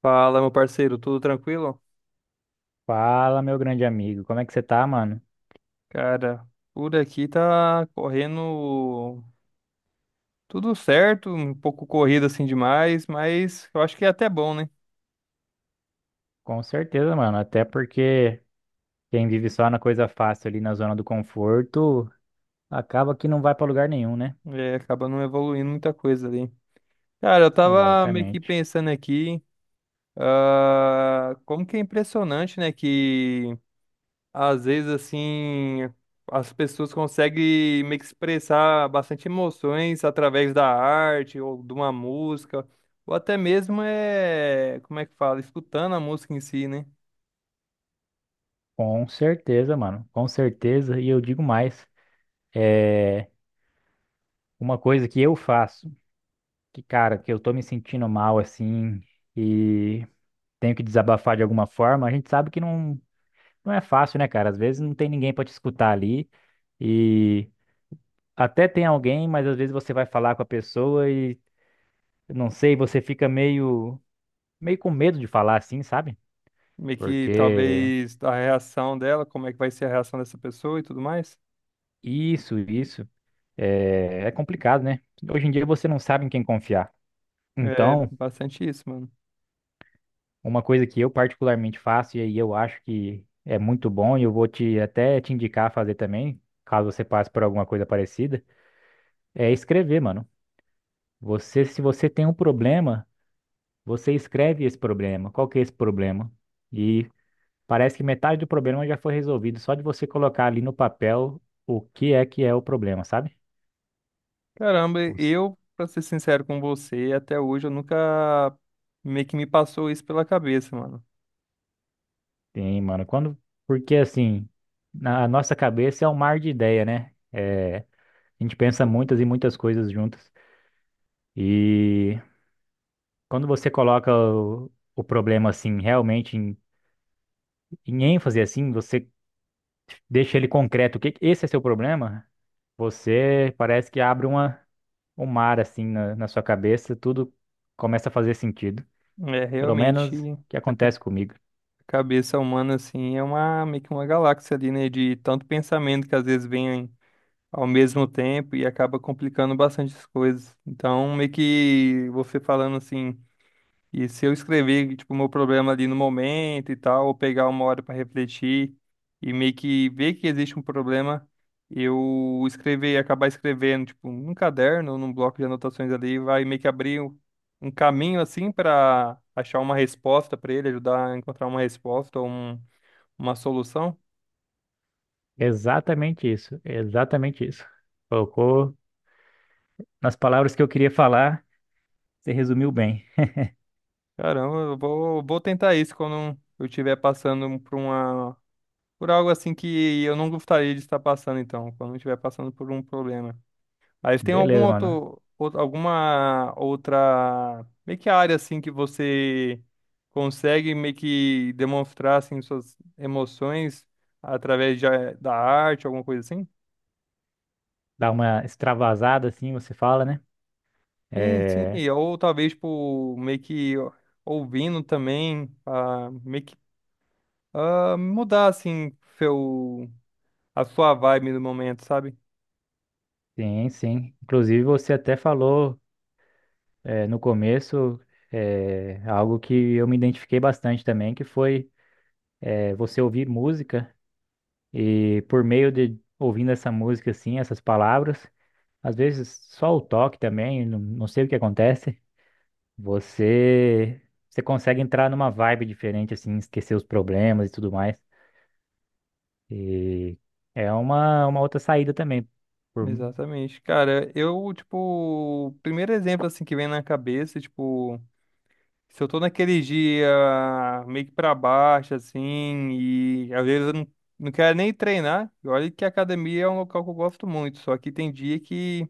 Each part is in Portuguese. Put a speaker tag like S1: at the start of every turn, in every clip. S1: Fala, meu parceiro, tudo tranquilo?
S2: Fala, meu grande amigo. Como é que você tá, mano?
S1: Cara, por aqui tá correndo tudo certo, um pouco corrido assim demais, mas eu acho que é até bom, né?
S2: Com certeza, mano. Até porque quem vive só na coisa fácil ali na zona do conforto acaba que não vai pra lugar nenhum, né?
S1: É, acaba não evoluindo muita coisa ali. Cara, eu tava meio que
S2: Exatamente.
S1: pensando aqui, como que é impressionante, né, que às vezes, assim, as pessoas conseguem meio que expressar bastante emoções através da arte ou de uma música, ou até mesmo como é que fala, escutando a música em si, né?
S2: Com certeza, mano. Com certeza. E eu digo mais, uma coisa que eu faço, que, cara, que eu tô me sentindo mal assim e tenho que desabafar de alguma forma, a gente sabe que não, não é fácil, né, cara? Às vezes não tem ninguém pra te escutar ali e até tem alguém, mas às vezes você vai falar com a pessoa e eu não sei, você fica meio com medo de falar assim, sabe?
S1: Meio que
S2: Porque
S1: talvez a reação dela, como é que vai ser a reação dessa pessoa e tudo mais.
S2: isso é complicado, né? Hoje em dia você não sabe em quem confiar.
S1: É
S2: Então,
S1: bastante isso, mano.
S2: uma coisa que eu particularmente faço, e aí eu acho que é muito bom, e eu vou te até te indicar a fazer também, caso você passe por alguma coisa parecida, é escrever, mano. Se você tem um problema, você escreve esse problema. Qual que é esse problema? E parece que metade do problema já foi resolvido só de você colocar ali no papel o que é o problema, sabe?
S1: Caramba,
S2: Os-
S1: eu, pra ser sincero com você, até hoje eu nunca meio que me passou isso pela cabeça, mano.
S2: Tem, mano. Porque assim, na nossa cabeça é um mar de ideia, né? É, a gente pensa muitas e muitas coisas juntas. E quando você coloca o problema assim, realmente em ênfase assim, você deixa ele concreto. O que esse é seu problema? Você parece que abre um mar assim na sua cabeça, tudo começa a fazer sentido.
S1: É
S2: Pelo menos
S1: realmente.
S2: que acontece comigo.
S1: A cabeça humana, assim, é uma, meio que uma galáxia ali, né? De tanto pensamento que às vezes vem ao mesmo tempo e acaba complicando bastante as coisas. Então, meio que você falando assim. E se eu escrever, tipo, o meu problema ali no momento e tal, ou pegar uma hora para refletir e meio que ver que existe um problema, eu escrever, acabar escrevendo, tipo, num caderno ou num bloco de anotações ali, vai meio que abrir um caminho assim para achar uma resposta para ele, ajudar a encontrar uma resposta ou uma solução.
S2: Exatamente isso, exatamente isso. Colocou nas palavras que eu queria falar, você resumiu bem.
S1: Caramba, eu vou, tentar isso quando eu estiver passando por uma, por algo assim que eu não gostaria de estar passando, então, quando eu estiver passando por um problema. Aí você tem algum
S2: Beleza, mano.
S1: outro, alguma outra meio que área assim que você consegue meio que demonstrar assim suas emoções através da arte, alguma coisa assim?
S2: Dá uma extravasada assim, você fala, né?
S1: Sim, sim,
S2: É,
S1: e ou talvez tipo meio que ó, ouvindo também, meio que mudar assim seu a sua vibe no momento, sabe?
S2: sim, sim. Inclusive, você até falou no começo algo que eu me identifiquei bastante também, que foi você ouvir música e por meio de ouvindo essa música assim, essas palavras, às vezes só o toque também, não não sei o que acontece. Você, você consegue entrar numa vibe diferente, assim, esquecer os problemas e tudo mais. E é uma outra saída também. Por,
S1: Exatamente. Cara, eu tipo, o primeiro exemplo assim que vem na cabeça, tipo, se eu tô naquele dia meio que pra baixo, assim, e às vezes eu não, não quero nem treinar, e olha que a academia é um local que eu gosto muito, só que tem dia que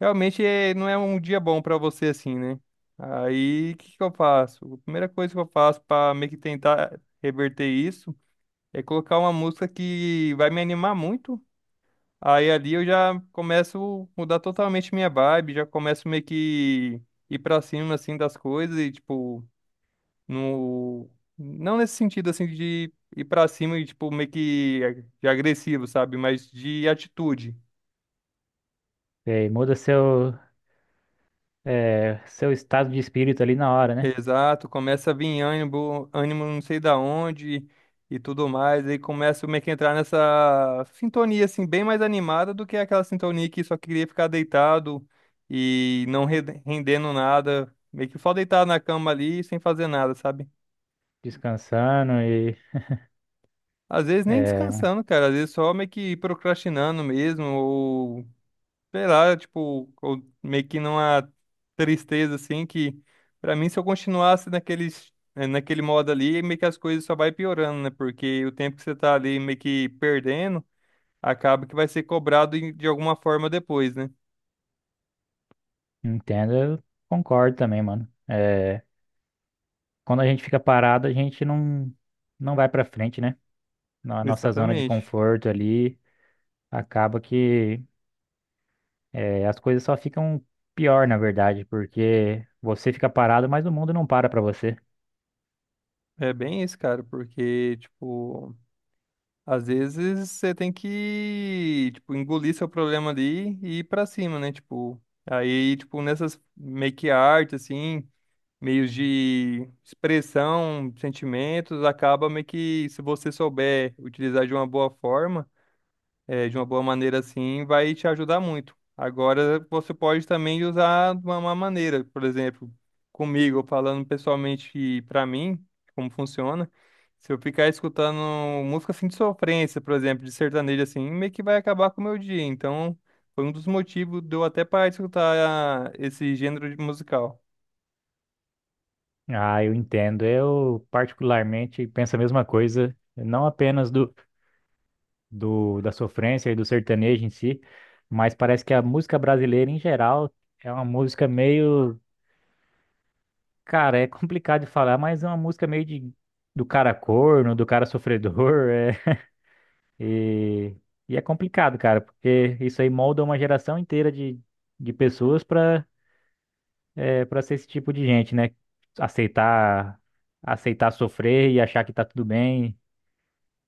S1: realmente não é um dia bom pra você, assim, né? Aí, o que que eu faço? A primeira coisa que eu faço pra meio que tentar reverter isso é colocar uma música que vai me animar muito. Aí ali eu já começo a mudar totalmente minha vibe, já começo meio que ir pra cima, assim, das coisas e, tipo. No... Não nesse sentido, assim, de ir pra cima e, tipo, meio que de agressivo, sabe? Mas de atitude.
S2: Muda seu estado de espírito ali na hora, né?
S1: Exato, começa a vir ânimo, ânimo não sei da onde e tudo mais. Aí começa meio que entrar nessa sintonia, assim, bem mais animada do que aquela sintonia que só queria ficar deitado e não rendendo nada. Meio que só deitado na cama ali sem fazer nada, sabe?
S2: Descansando.
S1: Às vezes nem
S2: É,
S1: descansando, cara. Às vezes só meio que procrastinando mesmo, sei lá, tipo, eu meio que numa tristeza assim que, pra mim, se eu continuasse naquele modo ali, meio que as coisas só vai piorando, né? Porque o tempo que você tá ali meio que perdendo, acaba que vai ser cobrado de alguma forma depois, né?
S2: Entendo, eu concordo também, mano. É, quando a gente fica parado, a gente não, não vai pra frente, né? Na nossa zona de
S1: Exatamente.
S2: conforto ali, acaba que. É, as coisas só ficam pior, na verdade, porque você fica parado, mas o mundo não para pra você.
S1: É bem isso, cara, porque tipo, às vezes você tem que, tipo, engolir seu problema ali e ir pra cima, né? Tipo, aí, tipo, nessas make art assim, meios de expressão, sentimentos, acaba meio que, se você souber utilizar de uma boa forma, de uma boa maneira assim, vai te ajudar muito. Agora, você pode também usar de uma má maneira, por exemplo, comigo, falando pessoalmente para mim, como funciona. Se eu ficar escutando música assim de sofrência, por exemplo, de sertanejo assim, meio que vai acabar com o meu dia. Então, foi um dos motivos de eu até parar de escutar esse gênero de musical.
S2: Ah, eu entendo. Eu particularmente penso a mesma coisa, não apenas do, do da sofrência e do sertanejo em si, mas parece que a música brasileira em geral é uma música meio, cara, é complicado de falar, mas é uma música meio de do cara corno, do cara sofredor, é. E é complicado, cara, porque isso aí molda uma geração inteira de pessoas pra ser esse tipo de gente, né? Aceitar, aceitar sofrer e achar que tá tudo bem.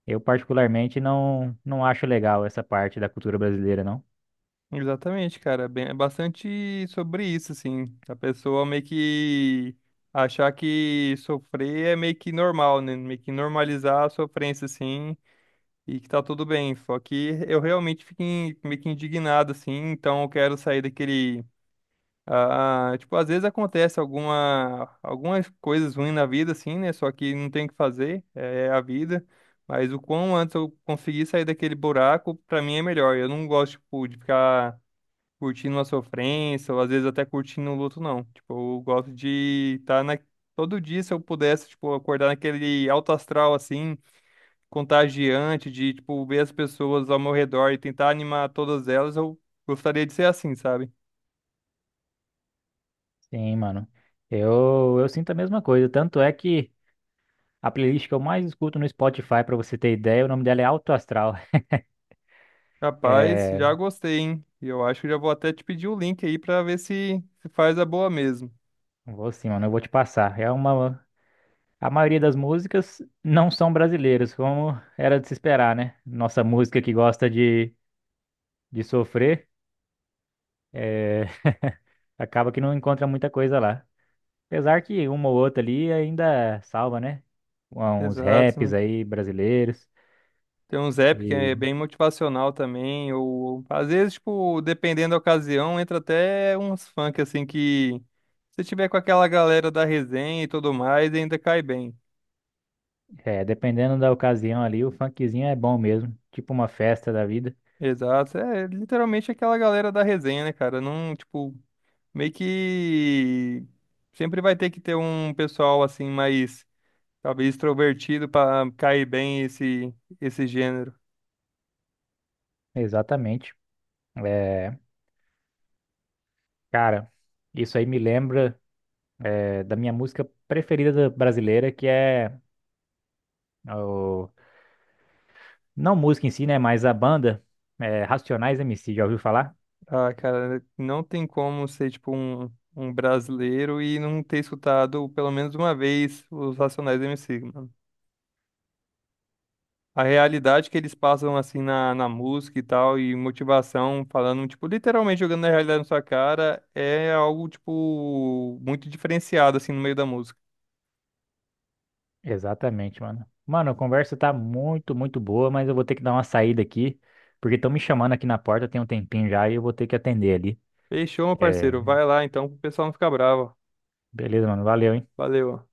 S2: Eu particularmente não, não acho legal essa parte da cultura brasileira, não.
S1: Exatamente, cara. Bem, é bastante sobre isso, assim. A pessoa meio que achar que sofrer é meio que normal, né? Meio que normalizar a sofrência, assim, e que tá tudo bem. Só que eu realmente fico meio que indignado, assim, então eu quero sair daquele. Ah, tipo, às vezes acontece algumas coisas ruins na vida, assim, né? Só que não tem o que fazer, é a vida. Mas o quão antes eu conseguir sair daquele buraco, pra mim é melhor. Eu não gosto, tipo, de ficar curtindo a sofrência, ou às vezes até curtindo o luto, não. Tipo, eu gosto de estar na... todo dia, se eu pudesse, tipo, acordar naquele alto astral, assim, contagiante, de, tipo, ver as pessoas ao meu redor e tentar animar todas elas, eu gostaria de ser assim, sabe?
S2: Sim, mano. Eu sinto a mesma coisa. Tanto é que a playlist que eu mais escuto no Spotify, pra você ter ideia, o nome dela é Alto Astral.
S1: Rapaz,
S2: É,
S1: já gostei, hein? E eu acho que já vou até te pedir o link aí pra ver se, se faz a boa mesmo.
S2: vou sim, mano, eu vou te passar. A maioria das músicas não são brasileiras, como era de se esperar, né? Nossa música que gosta de sofrer. é, Acaba que não encontra muita coisa lá. Apesar que uma ou outra ali ainda salva, né? Uns
S1: Exato,
S2: raps
S1: né?
S2: aí brasileiros.
S1: Tem uns app que
S2: E
S1: é bem motivacional também, ou às vezes, tipo, dependendo da ocasião, entra até uns funk assim que, se tiver com aquela galera da resenha e tudo mais, ainda cai bem.
S2: Dependendo da ocasião ali, o funkzinho é bom mesmo. Tipo uma festa da vida.
S1: Exato, é literalmente aquela galera da resenha, né, cara? Não, tipo, meio que sempre vai ter que ter um pessoal assim mais talvez extrovertido pra cair bem esse gênero.
S2: Exatamente. É, cara, isso aí me lembra da minha música preferida brasileira, que é o, não música em si, né? Mas a banda Racionais MC, já ouviu falar?
S1: Ah, cara, não tem como ser, tipo, um brasileiro e não ter escutado pelo menos uma vez os Racionais MC, mano. A realidade que eles passam, assim, na música e tal, e motivação, falando, tipo, literalmente jogando na realidade na sua cara, é algo, tipo, muito diferenciado, assim, no meio da música.
S2: Exatamente, mano. Mano, a conversa tá muito, muito boa, mas eu vou ter que dar uma saída aqui, porque estão me chamando aqui na porta, tem um tempinho já e eu vou ter que atender ali.
S1: Fechou, meu
S2: É,
S1: parceiro. Vai lá, então, pro pessoal não ficar bravo.
S2: beleza, mano. Valeu, hein?
S1: Valeu.